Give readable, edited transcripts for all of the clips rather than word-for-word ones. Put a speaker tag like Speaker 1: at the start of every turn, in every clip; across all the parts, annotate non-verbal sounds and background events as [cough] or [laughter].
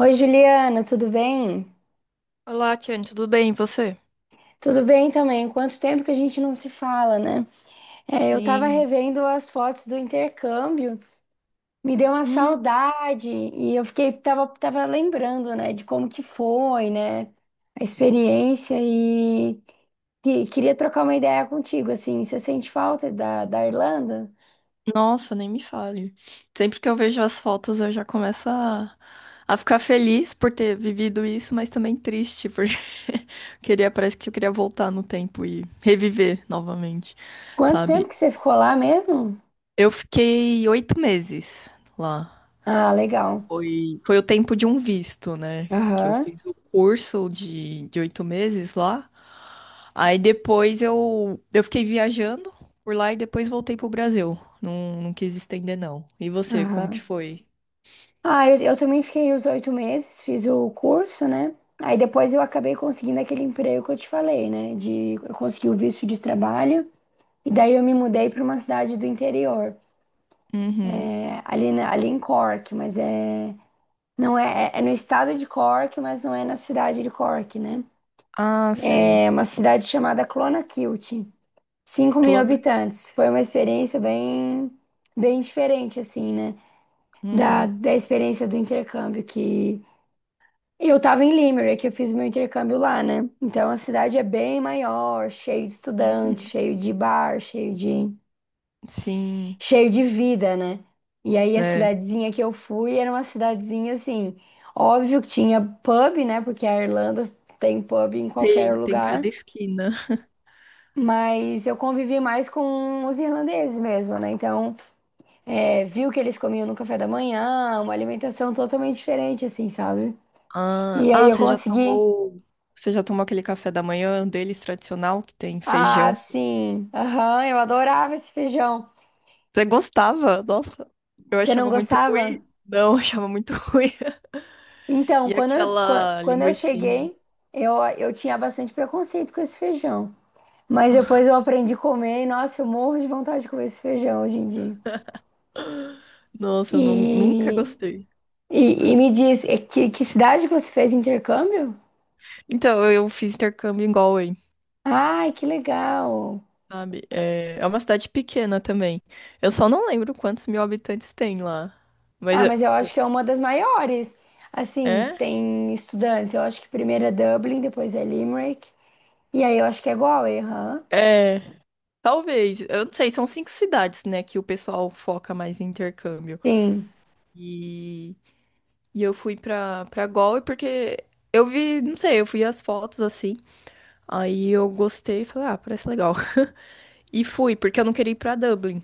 Speaker 1: Oi, Juliana, tudo bem?
Speaker 2: Olá, Tiane, tudo bem? E você?
Speaker 1: Tudo bem também. Quanto tempo que a gente não se fala, né? É, eu tava
Speaker 2: Sim.
Speaker 1: revendo as fotos do intercâmbio, me deu uma
Speaker 2: Hum,
Speaker 1: saudade e eu fiquei, tava lembrando, né, de como que foi, né, a experiência e, queria trocar uma ideia contigo, assim, você sente falta da Irlanda?
Speaker 2: Nossa, nem me fale. Sempre que eu vejo as fotos, eu já começo a ficar feliz por ter vivido isso, mas também triste, porque [laughs] queria, parece que eu queria voltar no tempo e reviver novamente,
Speaker 1: Quanto tempo
Speaker 2: sabe?
Speaker 1: que você ficou lá mesmo?
Speaker 2: Eu fiquei 8 meses lá.
Speaker 1: Ah, legal.
Speaker 2: Foi o tempo de um visto, né? Que eu
Speaker 1: Aham,
Speaker 2: fiz o curso de 8 meses lá. Aí depois eu fiquei viajando por lá e depois voltei pro Brasil. Não, não quis estender, não. E você, como
Speaker 1: aham.
Speaker 2: que foi?
Speaker 1: Ah, eu também fiquei os 8 meses, fiz o curso, né? Aí depois eu acabei conseguindo aquele emprego que eu te falei, né? Eu consegui o visto de trabalho e daí eu me mudei para uma cidade do interior,
Speaker 2: Uhum.
Speaker 1: é, ali, ali em Cork, mas é, não é, é no estado de Cork, mas não é na cidade de Cork, né?
Speaker 2: Ah, sei.
Speaker 1: É uma cidade chamada Clonakilty, cinco mil
Speaker 2: Clona.
Speaker 1: habitantes. Foi uma experiência bem, bem diferente, assim, né? Da,
Speaker 2: Uhum.
Speaker 1: da experiência do intercâmbio. Que Eu tava em Limerick, eu fiz meu intercâmbio lá, né? Então a cidade é bem maior, cheio de estudante,
Speaker 2: Uhum.
Speaker 1: cheio de bar, cheio de
Speaker 2: Sim.
Speaker 1: cheio de vida, né? E aí a
Speaker 2: É.
Speaker 1: cidadezinha que eu fui era uma cidadezinha assim, óbvio que tinha pub, né? Porque a Irlanda tem pub em qualquer
Speaker 2: Tem
Speaker 1: lugar.
Speaker 2: cada esquina.
Speaker 1: Mas eu convivi mais com os irlandeses mesmo, né? Então, é, vi o que eles comiam no café da manhã, uma alimentação totalmente diferente, assim, sabe?
Speaker 2: Ah,
Speaker 1: E aí
Speaker 2: ah,
Speaker 1: eu
Speaker 2: você já
Speaker 1: consegui.
Speaker 2: tomou. Você já tomou aquele café da manhã deles tradicional que tem
Speaker 1: Ah,
Speaker 2: feijão?
Speaker 1: sim. Aham, eu adorava esse feijão.
Speaker 2: Você gostava? Nossa, eu
Speaker 1: Você não
Speaker 2: achava muito
Speaker 1: gostava?
Speaker 2: ruim. Não, [laughs] eu achava muito ruim. [laughs]
Speaker 1: Então,
Speaker 2: E
Speaker 1: quando eu, qua-
Speaker 2: aquela
Speaker 1: quando eu
Speaker 2: linguiça.
Speaker 1: cheguei, eu tinha bastante preconceito com esse feijão. Mas depois eu aprendi a comer e, nossa, eu morro de vontade de comer esse feijão hoje em dia.
Speaker 2: Nossa, eu não, nunca
Speaker 1: E,
Speaker 2: gostei.
Speaker 1: e me diz, que cidade que você fez intercâmbio?
Speaker 2: Então, eu fiz intercâmbio em Galway,
Speaker 1: Ai, que legal.
Speaker 2: sabe? É, é uma cidade pequena também. Eu só não lembro quantos mil habitantes tem lá. Mas
Speaker 1: Ah,
Speaker 2: é.
Speaker 1: mas eu acho que é uma das maiores, assim, que
Speaker 2: É?
Speaker 1: tem estudantes. Eu acho que primeiro é Dublin, depois é Limerick. E aí eu acho que é Galway, aham.
Speaker 2: É, talvez. Eu não sei, são 5 cidades, né, que o pessoal foca mais em intercâmbio.
Speaker 1: Sim,
Speaker 2: E, e eu fui pra Galway porque eu vi, não sei, eu vi as fotos assim. Aí eu gostei e falei, ah, parece legal. [laughs] E fui, porque eu não queria ir pra Dublin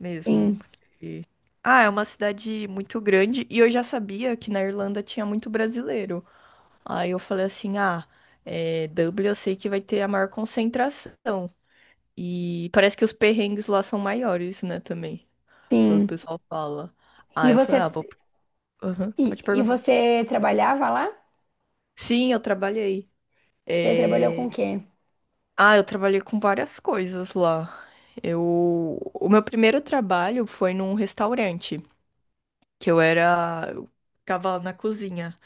Speaker 2: mesmo.
Speaker 1: sim,
Speaker 2: Ah, é uma cidade muito grande e eu já sabia que na Irlanda tinha muito brasileiro. Aí eu falei assim: ah, é, Dublin eu sei que vai ter a maior concentração. E parece que os perrengues lá são maiores, né, também, pelo que o
Speaker 1: sim.
Speaker 2: pessoal fala.
Speaker 1: E
Speaker 2: Aí eu
Speaker 1: você,
Speaker 2: falei: ah, vou. Aham,
Speaker 1: e,
Speaker 2: pode
Speaker 1: e
Speaker 2: perguntar.
Speaker 1: você trabalhava lá?
Speaker 2: Sim, eu trabalhei.
Speaker 1: Você trabalhou com
Speaker 2: É,
Speaker 1: o quê?
Speaker 2: ah, eu trabalhei com várias coisas lá. Eu... O meu primeiro trabalho foi num restaurante. Que eu era, eu ficava na cozinha,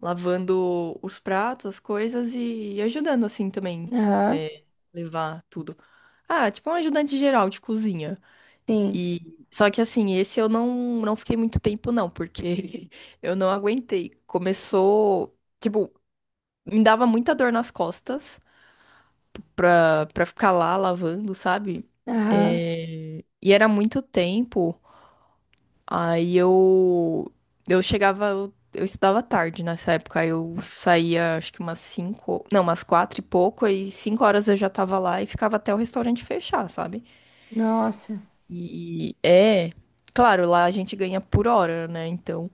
Speaker 2: lavando os pratos, as coisas e ajudando assim também,
Speaker 1: Aham,
Speaker 2: é, levar tudo. Ah, tipo um ajudante geral de cozinha.
Speaker 1: sim.
Speaker 2: E só que assim, esse eu não fiquei muito tempo não, porque [laughs] eu não aguentei. Começou, tipo, me dava muita dor nas costas pra ficar lá lavando, sabe?
Speaker 1: Aham,
Speaker 2: É, e era muito tempo. Aí eu chegava, eu estudava tarde nessa época, aí eu saía acho que umas cinco, não, umas quatro e pouco, aí 5 horas eu já tava lá e ficava até o restaurante fechar, sabe?
Speaker 1: nossa.
Speaker 2: E é, claro, lá a gente ganha por hora, né? Então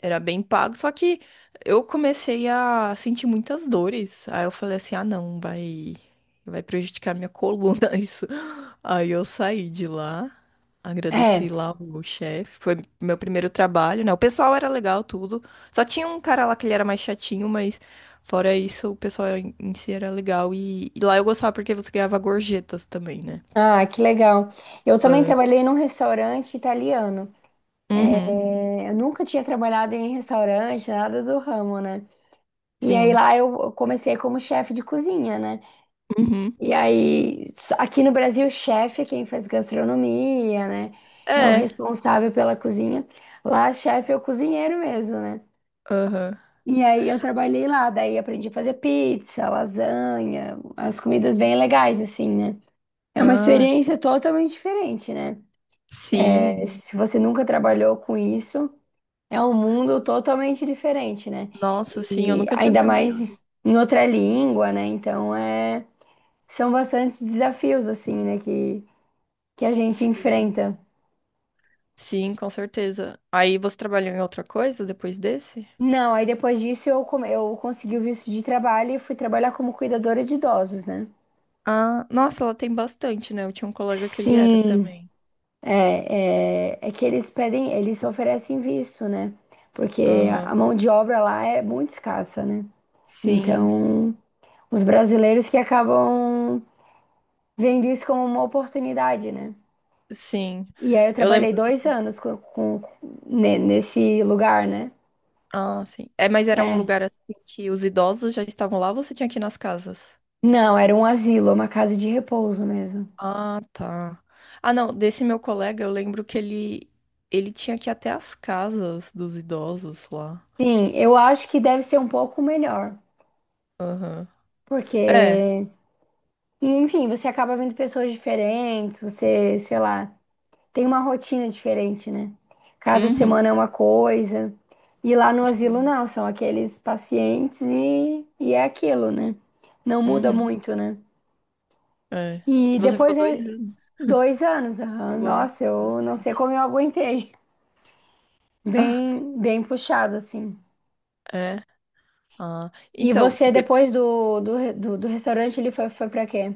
Speaker 2: era bem pago, só que eu comecei a sentir muitas dores. Aí eu falei assim: ah, não, vai prejudicar minha coluna [laughs] isso. Aí eu saí de lá, agradeci
Speaker 1: É.
Speaker 2: lá o chefe. Foi meu primeiro trabalho, né? O pessoal era legal, tudo. Só tinha um cara lá que ele era mais chatinho, mas fora isso, o pessoal em si era legal. E lá eu gostava porque você ganhava gorjetas também, né?
Speaker 1: Ah, que legal. Eu também trabalhei num restaurante italiano.
Speaker 2: Uhum,
Speaker 1: É, eu nunca tinha trabalhado em restaurante, nada do ramo, né? E aí
Speaker 2: sim.
Speaker 1: lá eu comecei como chefe de cozinha, né?
Speaker 2: Uhum.
Speaker 1: E aí, aqui no Brasil, chefe é quem faz gastronomia, né? É o
Speaker 2: É,
Speaker 1: responsável pela cozinha. Lá, chefe é o cozinheiro mesmo, né?
Speaker 2: aham.
Speaker 1: E aí eu trabalhei lá, daí aprendi a fazer pizza, lasanha, as comidas bem legais, assim, né? É uma
Speaker 2: Ah,
Speaker 1: experiência totalmente diferente, né? É,
Speaker 2: sim.
Speaker 1: se você nunca trabalhou com isso, é um mundo totalmente diferente, né?
Speaker 2: Nossa, sim, eu
Speaker 1: E
Speaker 2: nunca tinha
Speaker 1: ainda
Speaker 2: trabalhado.
Speaker 1: mais em outra língua, né? Então é, são bastantes desafios, assim, né? Que a gente
Speaker 2: Sim.
Speaker 1: enfrenta.
Speaker 2: Sim, com certeza. Aí você trabalhou em outra coisa depois desse?
Speaker 1: Não, aí depois disso eu, eu consegui o visto de trabalho e fui trabalhar como cuidadora de idosos, né?
Speaker 2: Ah, nossa, ela tem bastante, né? Eu tinha um colega que ele era
Speaker 1: Sim.
Speaker 2: também.
Speaker 1: É, é que eles pedem, eles oferecem visto, né? Porque a
Speaker 2: Aham.
Speaker 1: mão de obra lá é muito escassa, né?
Speaker 2: Sim, sim.
Speaker 1: Então, os brasileiros que acabam vendo isso como uma oportunidade, né?
Speaker 2: Sim.
Speaker 1: E aí eu
Speaker 2: Eu
Speaker 1: trabalhei
Speaker 2: lembro.
Speaker 1: 2 anos nesse lugar, né?
Speaker 2: Ah, sim. É, mas era um
Speaker 1: É.
Speaker 2: lugar assim que os idosos já estavam lá, ou você tinha que ir nas casas?
Speaker 1: Não, era um asilo, uma casa de repouso mesmo.
Speaker 2: Ah, tá. Ah, não, desse meu colega, eu lembro que ele tinha que ir até as casas dos idosos lá.
Speaker 1: Sim, eu acho que deve ser um pouco melhor,
Speaker 2: Aham. É.
Speaker 1: porque, enfim, você acaba vendo pessoas diferentes, você, sei lá. Tem uma rotina diferente, né? Cada
Speaker 2: Uhum.
Speaker 1: semana é uma coisa. E lá no asilo
Speaker 2: Sim.
Speaker 1: não, são aqueles pacientes e é aquilo, né? Não muda
Speaker 2: Uhum.
Speaker 1: muito, né?
Speaker 2: É. E
Speaker 1: E
Speaker 2: você
Speaker 1: depois
Speaker 2: ficou dois
Speaker 1: de
Speaker 2: anos.
Speaker 1: 2 anos, aham,
Speaker 2: Uau.
Speaker 1: nossa, eu não sei
Speaker 2: Bastante.
Speaker 1: como eu aguentei.
Speaker 2: [laughs]
Speaker 1: Bem, bem puxado, assim.
Speaker 2: É. Ah.
Speaker 1: E
Speaker 2: Então,
Speaker 1: você, depois do restaurante, ele foi pra quê?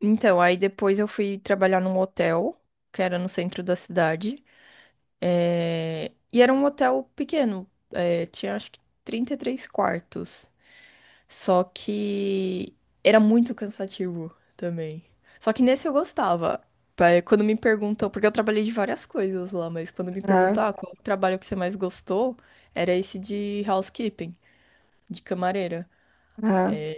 Speaker 2: então, aí depois eu fui trabalhar num hotel, que era no centro da cidade. É, e era um hotel pequeno. É, tinha acho que 33 quartos. Só que era muito cansativo também. Só que nesse eu gostava. Quando me perguntou, porque eu trabalhei de várias coisas lá, mas quando me perguntou,
Speaker 1: Aham,
Speaker 2: ah, qual o trabalho que você mais gostou, era esse de housekeeping, de camareira.
Speaker 1: aham,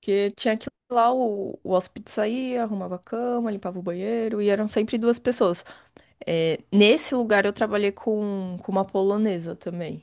Speaker 2: Porque tinha que ir lá, o hóspede saía, arrumava a cama, limpava o banheiro, e eram sempre duas pessoas. É, nesse lugar eu trabalhei com uma polonesa também.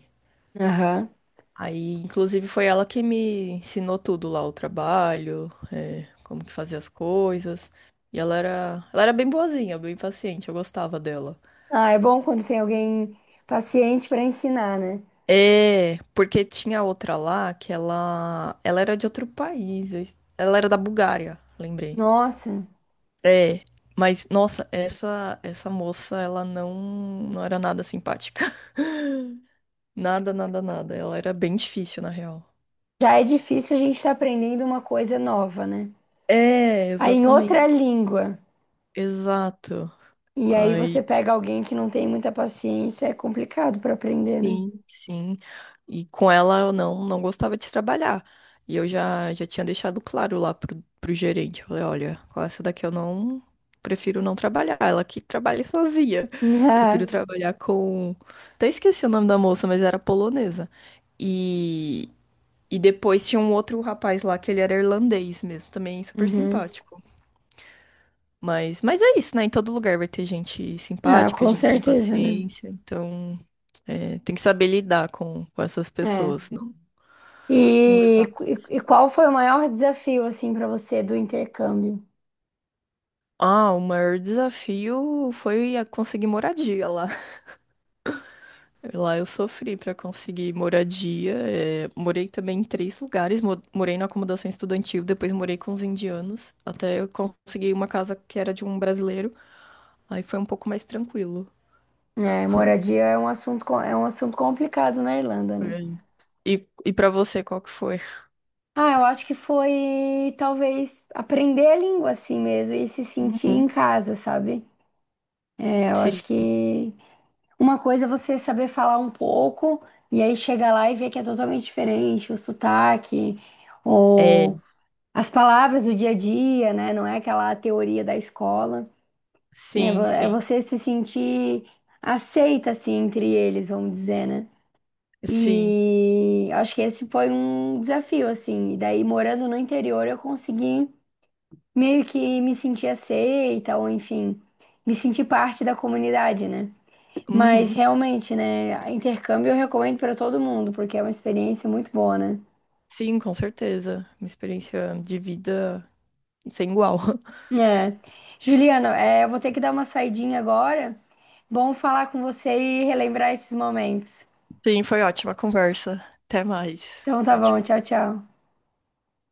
Speaker 1: aham.
Speaker 2: Aí, inclusive, foi ela que me ensinou tudo lá, o trabalho, é, como que fazia as coisas. E ela era bem boazinha, bem paciente, eu gostava dela.
Speaker 1: Ah, é bom quando tem alguém paciente pra ensinar, né?
Speaker 2: É, porque tinha outra lá que ela era de outro país, ela era da Bulgária, lembrei.
Speaker 1: Nossa.
Speaker 2: É, mas nossa, essa moça, ela não era nada simpática. [laughs] Nada, nada, nada. Ela era bem difícil, na real.
Speaker 1: Já é difícil a gente estar aprendendo uma coisa nova, né?
Speaker 2: É,
Speaker 1: Aí em
Speaker 2: exatamente.
Speaker 1: outra língua.
Speaker 2: Exato.
Speaker 1: E aí
Speaker 2: Aí.
Speaker 1: você pega alguém que não tem muita paciência, é complicado para aprender, né?
Speaker 2: Sim, sim. E com ela eu não, não gostava de trabalhar. E eu já tinha deixado claro lá pro gerente. Eu falei, olha, com essa daqui eu não prefiro não trabalhar. Ela que trabalha sozinha.
Speaker 1: [laughs] Ah,
Speaker 2: Prefiro trabalhar com. Até esqueci o nome da moça, mas era polonesa. E, e depois tinha um outro rapaz lá que ele era irlandês mesmo, também super
Speaker 1: uhum.
Speaker 2: simpático. Mas é isso, né? Em todo lugar vai ter gente
Speaker 1: Ah,
Speaker 2: simpática,
Speaker 1: com
Speaker 2: gente sem
Speaker 1: certeza, né?
Speaker 2: paciência. Então, é, tem que saber lidar com essas
Speaker 1: É.
Speaker 2: pessoas, não, não
Speaker 1: E,
Speaker 2: levar.
Speaker 1: e, e qual foi o maior desafio assim para você do intercâmbio?
Speaker 2: Ah, o maior desafio foi a conseguir moradia lá. [laughs] Lá eu sofri para conseguir moradia. É, morei também em três lugares. Morei na acomodação estudantil, depois morei com os indianos, até eu consegui uma casa que era de um brasileiro. Aí foi um pouco mais tranquilo.
Speaker 1: É, moradia é um assunto é um assunto complicado na Irlanda, né?
Speaker 2: É. E para você, qual que foi?
Speaker 1: Ah, eu acho que foi talvez aprender a língua assim mesmo e se sentir em
Speaker 2: Uhum.
Speaker 1: casa, sabe? É, eu acho que uma coisa é você saber falar um pouco e aí chega lá e vê que é totalmente diferente o sotaque ou
Speaker 2: É,
Speaker 1: as palavras do dia a dia, né? Não é aquela teoria da escola. É
Speaker 2: sim,
Speaker 1: é
Speaker 2: sim,
Speaker 1: você se sentir aceita, assim, entre eles, vamos dizer, né?
Speaker 2: sim.
Speaker 1: E acho que esse foi um desafio, assim. E daí, morando no interior, eu consegui meio que me sentir aceita ou, enfim, me sentir parte da comunidade, né? Mas
Speaker 2: Uhum.
Speaker 1: realmente, né? Intercâmbio eu recomendo para todo mundo, porque é uma experiência muito boa, né?
Speaker 2: Sim, com certeza. Uma experiência de vida sem igual. [laughs]
Speaker 1: É. Juliana, é, eu vou ter que dar uma saidinha agora. Bom falar com você e relembrar esses momentos.
Speaker 2: Sim, foi ótima a conversa. Até mais.
Speaker 1: Então tá
Speaker 2: Tchau,
Speaker 1: bom,
Speaker 2: tchau.
Speaker 1: tchau, tchau.